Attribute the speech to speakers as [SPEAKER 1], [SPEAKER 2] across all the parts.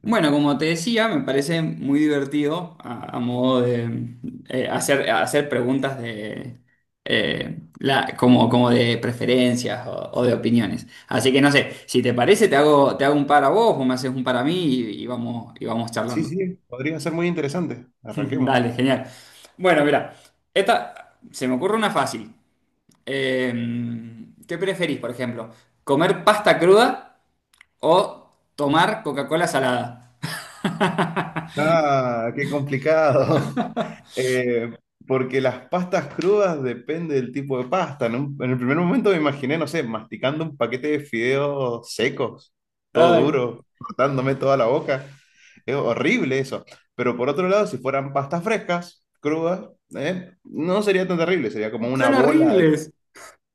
[SPEAKER 1] Bueno, como te decía, me parece muy divertido a modo de hacer preguntas de como de preferencias o de opiniones. Así que no sé, si te parece, te hago un par a vos o me haces un par a mí y vamos
[SPEAKER 2] Sí,
[SPEAKER 1] charlando.
[SPEAKER 2] sí, podría ser muy interesante. Arranquemos.
[SPEAKER 1] Dale, genial. Bueno, mira, esta se me ocurre una fácil. Eh, ¿Qué preferís, por ejemplo? ¿Comer pasta cruda o tomar Coca-Cola salada?
[SPEAKER 2] Ah, qué complicado. Eh, Porque las pastas crudas depende del tipo de pasta. En el primer momento me imaginé, no sé, masticando un paquete de fideos secos, todo
[SPEAKER 1] Ay.
[SPEAKER 2] duro, cortándome toda la boca. Es horrible eso. Pero por otro lado, si fueran pastas frescas, crudas, no sería tan terrible, sería como una
[SPEAKER 1] Son
[SPEAKER 2] bola de...
[SPEAKER 1] horribles.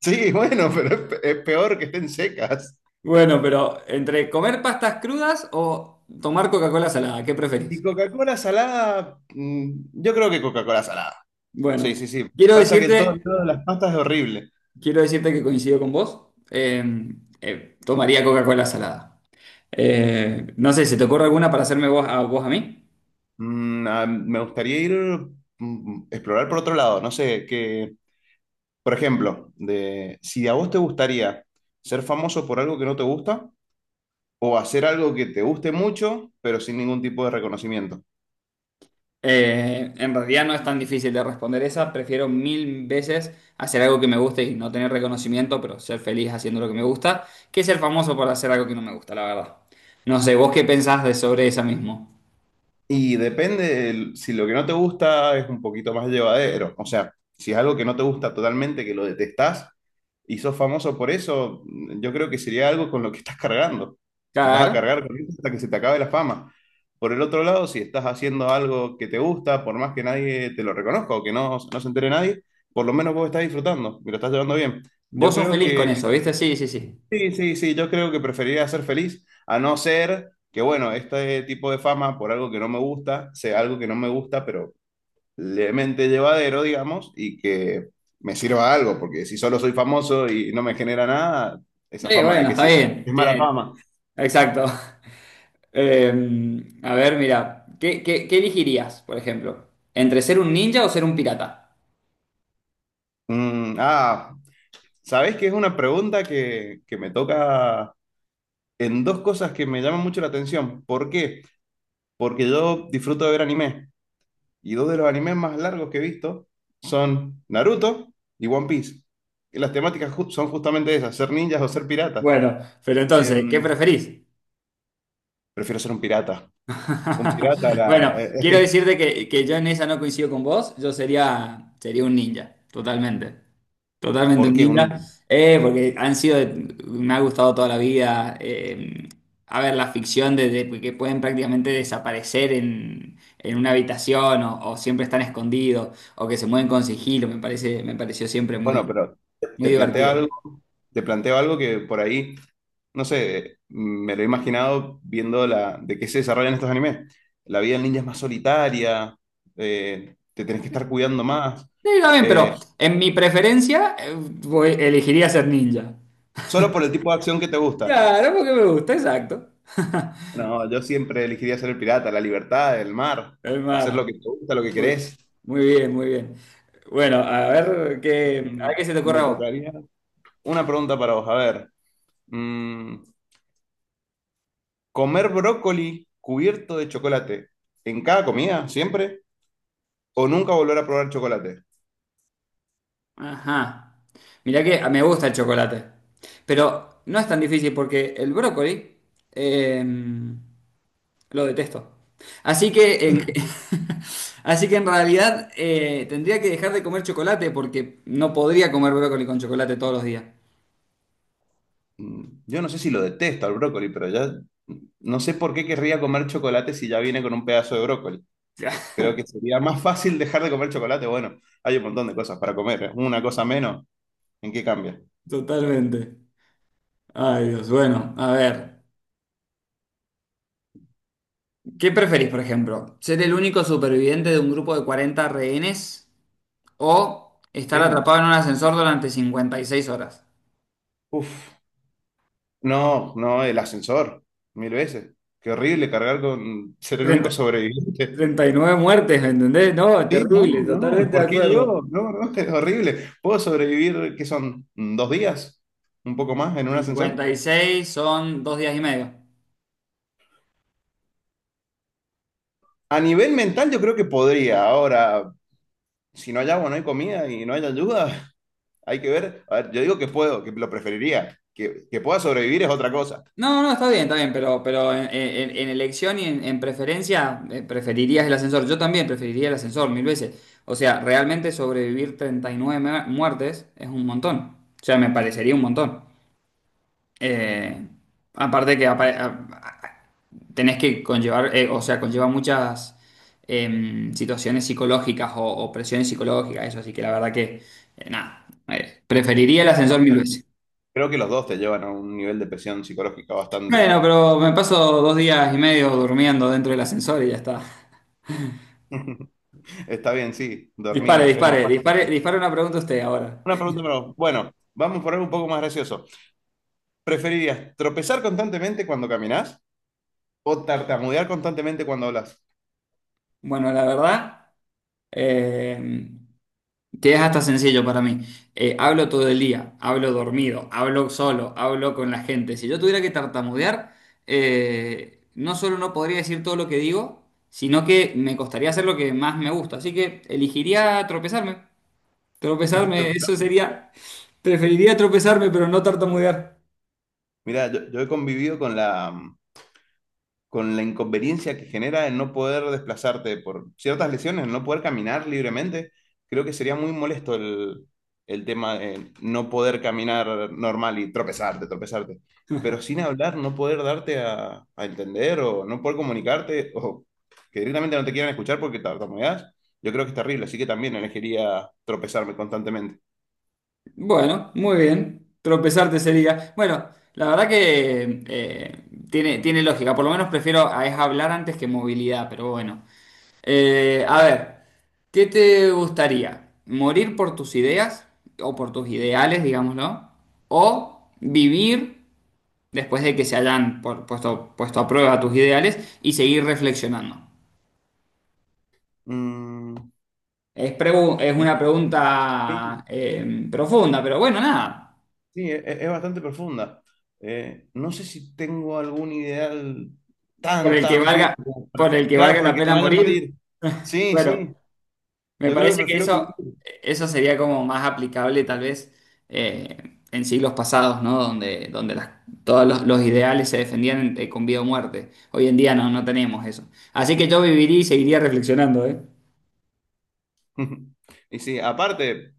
[SPEAKER 2] Sí, bueno, pero es peor que estén secas.
[SPEAKER 1] Bueno, pero entre comer pastas crudas o tomar Coca-Cola salada, ¿qué preferís?
[SPEAKER 2] Y Coca-Cola salada, mm, yo creo que Coca-Cola salada. Sí,
[SPEAKER 1] Bueno,
[SPEAKER 2] sí, sí.
[SPEAKER 1] quiero
[SPEAKER 2] Pasa que el
[SPEAKER 1] decirte,
[SPEAKER 2] todo de las pastas es horrible.
[SPEAKER 1] quiero decirte que coincido con vos. Tomaría Coca-Cola salada. No sé, ¿se te ocurre alguna para hacerme vos a mí?
[SPEAKER 2] Mm, ah, me gustaría ir, mm, explorar por otro lado. No sé, que, por ejemplo, de, si a vos te gustaría ser famoso por algo que no te gusta o hacer algo que te guste mucho, pero sin ningún tipo de reconocimiento.
[SPEAKER 1] En realidad no es tan difícil de responder esa. Prefiero mil veces hacer algo que me guste y no tener reconocimiento, pero ser feliz haciendo lo que me gusta, que ser famoso por hacer algo que no me gusta, la verdad. No sé, ¿vos qué pensás de sobre esa mismo?
[SPEAKER 2] Y depende, si lo que no te gusta es un poquito más llevadero, o sea, si es algo que no te gusta totalmente, que lo detestás y sos famoso por eso, yo creo que sería algo con lo que estás cargando. Vas a
[SPEAKER 1] Claro.
[SPEAKER 2] cargar con eso hasta que se te acabe la fama. Por el otro lado, si estás haciendo algo que te gusta, por más que nadie te lo reconozca o que no, no se entere nadie, por lo menos vos estás disfrutando y lo estás llevando bien. Yo
[SPEAKER 1] Vos sos
[SPEAKER 2] creo
[SPEAKER 1] feliz
[SPEAKER 2] que
[SPEAKER 1] con eso, ¿viste? Sí, sí, sí.
[SPEAKER 2] Sí, sí, sí, yo creo que preferiría ser feliz, a no ser que, bueno, este tipo de fama por algo que no me gusta, sea algo que no me gusta, pero levemente llevadero, digamos, y que me sirva algo, porque si solo soy famoso y no me genera nada, esa fama de
[SPEAKER 1] Bueno,
[SPEAKER 2] qué
[SPEAKER 1] está
[SPEAKER 2] sirve.
[SPEAKER 1] bien.
[SPEAKER 2] Es mala
[SPEAKER 1] Tiene...
[SPEAKER 2] fama.
[SPEAKER 1] Exacto. Eh, a ver, mira, ¿qué elegirías, por ejemplo? ¿Entre ser un ninja o ser un pirata?
[SPEAKER 2] Mm, ah, ¿sabés que es una pregunta que me toca en dos cosas que me llaman mucho la atención? ¿Por qué? Porque yo disfruto de ver anime. Y dos de los animes más largos que he visto son Naruto y One Piece. Y las son justamente esas, ser ninjas o ser piratas.
[SPEAKER 1] Bueno, pero entonces, ¿qué
[SPEAKER 2] Em,
[SPEAKER 1] preferís?
[SPEAKER 2] Prefiero ser un pirata. Un pirata,
[SPEAKER 1] Bueno, quiero decirte que yo en esa no coincido con vos, yo sería un ninja, totalmente. Totalmente
[SPEAKER 2] ¿por qué un
[SPEAKER 1] unida,
[SPEAKER 2] ninja?
[SPEAKER 1] eh, porque han sido, me ha gustado toda la vida, a ver, la ficción de que pueden prácticamente desaparecer en una habitación o siempre están escondidos o que se mueven con sigilo, me pareció siempre
[SPEAKER 2] Bueno,
[SPEAKER 1] muy,
[SPEAKER 2] pero
[SPEAKER 1] muy
[SPEAKER 2] te planteo
[SPEAKER 1] divertido.
[SPEAKER 2] algo, te planteo algo que por ahí, no sé, me lo he imaginado viendo la, de qué se desarrollan estos animes. La vida del ninja es más solitaria, te tenés que estar cuidando más,
[SPEAKER 1] Sí, también, pero
[SPEAKER 2] eh,
[SPEAKER 1] en mi preferencia, elegiría ser ninja.
[SPEAKER 2] solo por el tipo de acción que te gusta.
[SPEAKER 1] Claro, porque me gusta, exacto.
[SPEAKER 2] No, yo siempre elegiría ser el pirata, la libertad, el mar,
[SPEAKER 1] El
[SPEAKER 2] hacer
[SPEAKER 1] mar.
[SPEAKER 2] lo que te gusta, lo que
[SPEAKER 1] Muy,
[SPEAKER 2] querés.
[SPEAKER 1] muy bien, muy bien. Bueno, a ver qué, a
[SPEAKER 2] Mm,
[SPEAKER 1] ver qué se te ocurre
[SPEAKER 2] me
[SPEAKER 1] a vos.
[SPEAKER 2] tocaría. Una pregunta para vos, a ver. Mm, ¿comer brócoli cubierto de chocolate en cada comida, siempre? ¿O nunca volver a probar chocolate?
[SPEAKER 1] Ajá. Mirá que me gusta el chocolate. Pero no es tan difícil porque el brócoli eh, lo detesto. Así que, así que en realidad tendría que dejar de comer chocolate porque no podría comer brócoli con chocolate todos los días.
[SPEAKER 2] Mm, yo no sé si lo detesto al brócoli, pero ya no sé por qué querría comer chocolate si ya viene con un pedazo de brócoli. Creo que sería más fácil dejar de comer chocolate. Bueno, hay un montón de cosas para comer, ¿eh? Una cosa menos, ¿en qué cambia?
[SPEAKER 1] Totalmente. Ay, Dios. Bueno, a ver. ¿Qué preferís, por ejemplo? ¿Ser el único superviviente de un grupo de 40 rehenes o estar atrapado
[SPEAKER 2] Venus.
[SPEAKER 1] en un ascensor durante 56 horas?
[SPEAKER 2] Uf. No, no, el ascensor, mil veces. Qué horrible cargar con ser el único
[SPEAKER 1] 30.
[SPEAKER 2] sobreviviente.
[SPEAKER 1] 39 muertes, ¿me entendés? No,
[SPEAKER 2] Sí, no,
[SPEAKER 1] terrible,
[SPEAKER 2] no,
[SPEAKER 1] totalmente de
[SPEAKER 2] ¿por qué
[SPEAKER 1] acuerdo.
[SPEAKER 2] yo? No, no, es horrible. ¿Puedo sobrevivir, qué son, mm, dos días? ¿Un poco más en un ascensor?
[SPEAKER 1] 56 son dos días y medio.
[SPEAKER 2] A nivel mental yo creo que podría. Ahora, si no hay agua, no hay comida y no hay ayuda, hay que ver. A ver, yo digo que puedo, que lo preferiría. Que pueda sobrevivir es otra cosa.
[SPEAKER 1] No, no, está bien, pero en elección y en preferencia, preferirías el ascensor. Yo también preferiría el ascensor mil veces. O sea, realmente sobrevivir 39 muertes es un montón. O sea, me parecería un montón. Eh, Aparte que tenés que conllevar, o sea, conlleva muchas situaciones psicológicas o presiones psicológicas, eso, así que la verdad que, nada, preferiría el ascensor
[SPEAKER 2] No,
[SPEAKER 1] mil
[SPEAKER 2] pero
[SPEAKER 1] veces.
[SPEAKER 2] creo que los dos te llevan a un nivel de presión psicológica
[SPEAKER 1] Bueno,
[SPEAKER 2] bastante...
[SPEAKER 1] pero me paso dos días y medio durmiendo dentro del ascensor y ya está.
[SPEAKER 2] Está bien, sí, dormir
[SPEAKER 1] Dispare,
[SPEAKER 2] es más
[SPEAKER 1] dispare,
[SPEAKER 2] fácil.
[SPEAKER 1] dispare, dispare una pregunta usted ahora.
[SPEAKER 2] Una pregunta para vos. Bueno, vamos por algo un poco más gracioso. ¿Preferirías tropezar constantemente cuando caminás o tartamudear constantemente cuando hablas?
[SPEAKER 1] Bueno, la verdad, em, Que es hasta sencillo para mí. Hablo todo el día, hablo dormido, hablo solo, hablo con la gente. Si yo tuviera que tartamudear, no solo no podría decir todo lo que digo, sino que me costaría hacer lo que más me gusta. Así que elegiría tropezarme. Tropezarme, eso
[SPEAKER 2] Tropezar.
[SPEAKER 1] sería. Preferiría tropezarme, pero no tartamudear.
[SPEAKER 2] Mira, yo he convivido con la, mm, con la inconveniencia que genera el no poder desplazarte por ciertas lesiones, el no poder caminar libremente, creo que sería muy molesto el tema de no poder caminar normal y tropezarte. Pero sin hablar, no poder darte a entender o no poder comunicarte o que directamente no te quieran escuchar porque tartamudeas, yo creo que es terrible. Así que también elegiría tropezarme constantemente.
[SPEAKER 1] Bueno, muy bien. Tropezarte sería. Bueno, la verdad que tiene lógica. Por lo menos prefiero a es hablar antes que movilidad, pero bueno. A ver, ¿qué te gustaría? ¿Morir por tus ideas o por tus ideales, digámoslo? ¿O vivir después de que se hayan puesto a prueba tus ideales y seguir reflexionando?
[SPEAKER 2] Mm,
[SPEAKER 1] Es una
[SPEAKER 2] no sé,
[SPEAKER 1] pregunta profunda, pero bueno, nada.
[SPEAKER 2] sí, es, bastante profunda. No sé si tengo algún ideal
[SPEAKER 1] Por
[SPEAKER 2] tan,
[SPEAKER 1] el que
[SPEAKER 2] tan
[SPEAKER 1] valga,
[SPEAKER 2] firme como
[SPEAKER 1] por
[SPEAKER 2] para...
[SPEAKER 1] el que
[SPEAKER 2] Claro,
[SPEAKER 1] valga la
[SPEAKER 2] porque me
[SPEAKER 1] pena
[SPEAKER 2] vaya a
[SPEAKER 1] morir,
[SPEAKER 2] morir. Sí,
[SPEAKER 1] bueno.
[SPEAKER 2] sí,
[SPEAKER 1] Me
[SPEAKER 2] yo creo que
[SPEAKER 1] parece que
[SPEAKER 2] prefiero vivir.
[SPEAKER 1] eso sería como más aplicable tal vez en siglos pasados, ¿no? Donde todos los ideales se defendían con vida o muerte. Hoy en día no tenemos eso. Así que yo viviría y seguiría reflexionando, ¿eh?
[SPEAKER 2] Y sí, aparte,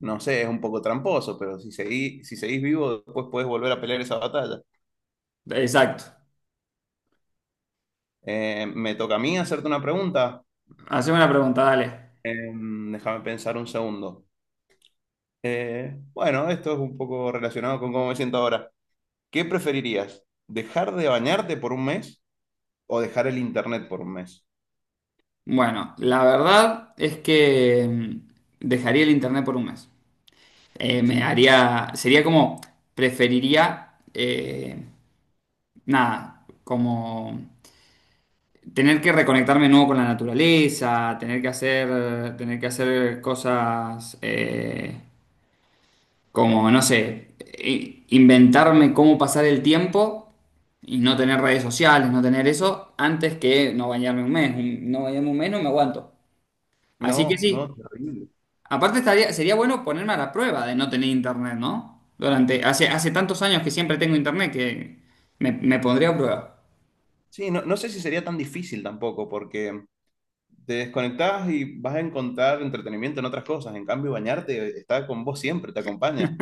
[SPEAKER 2] no sé, es un poco tramposo, pero si seguís vivo, después puedes volver a pelear esa batalla.
[SPEAKER 1] Exacto.
[SPEAKER 2] Me toca a mí hacerte una pregunta.
[SPEAKER 1] Haceme una pregunta, dale.
[SPEAKER 2] Déjame pensar un segundo. Bueno, esto es un poco relacionado con cómo me siento ahora. ¿Qué preferirías? ¿Dejar de bañarte por un mes o dejar el internet por un mes?
[SPEAKER 1] Bueno, la verdad es que dejaría el internet por un mes. Me
[SPEAKER 2] Sí.
[SPEAKER 1] haría, sería como, preferiría, nada, como... Tener que reconectarme de nuevo con la naturaleza, tener que hacer cosas como, no sé, inventarme cómo pasar el tiempo y no tener redes sociales, no tener eso, antes que no bañarme un mes. No bañarme un mes, no me aguanto. Así que
[SPEAKER 2] No, no,
[SPEAKER 1] sí.
[SPEAKER 2] terrible.
[SPEAKER 1] Aparte sería bueno ponerme a la prueba de no tener internet, ¿no? Hace tantos años que siempre tengo internet que me pondría a prueba.
[SPEAKER 2] Sí, no, no sé si sería tan difícil tampoco, porque te desconectás y vas a encontrar entretenimiento en otras cosas. En cambio, bañarte está con vos siempre, te acompaña.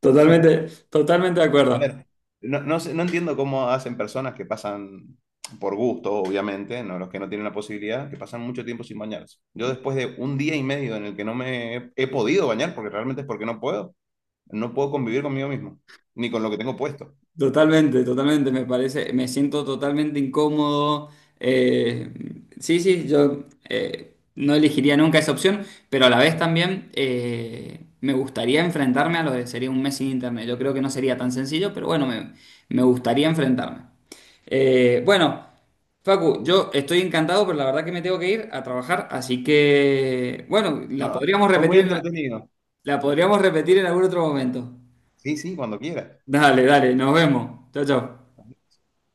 [SPEAKER 1] Totalmente, totalmente de
[SPEAKER 2] A
[SPEAKER 1] acuerdo.
[SPEAKER 2] ver, no entiendo cómo hacen personas que pasan por gusto, obviamente, no los que no tienen la posibilidad, que pasan mucho tiempo sin bañarse. Yo después de un día y medio en el que no me he, he podido bañar, porque realmente es porque no puedo, no puedo convivir conmigo mismo, ni con lo que tengo puesto.
[SPEAKER 1] Totalmente, totalmente, me siento totalmente incómodo. eh, sí, sí, yo no elegiría nunca esa opción, pero a la vez también me gustaría enfrentarme a lo de sería un mes sin internet. Yo creo que no sería tan sencillo, pero bueno, me gustaría enfrentarme. Bueno, Facu, yo estoy encantado, pero la verdad que me tengo que ir a trabajar, así que, bueno, la
[SPEAKER 2] No,
[SPEAKER 1] podríamos
[SPEAKER 2] fue muy
[SPEAKER 1] repetir,
[SPEAKER 2] entretenido.
[SPEAKER 1] la podríamos repetir en algún otro momento.
[SPEAKER 2] Sí, sí, cuando quiera.
[SPEAKER 1] Dale, dale, nos vemos. Chao, chao.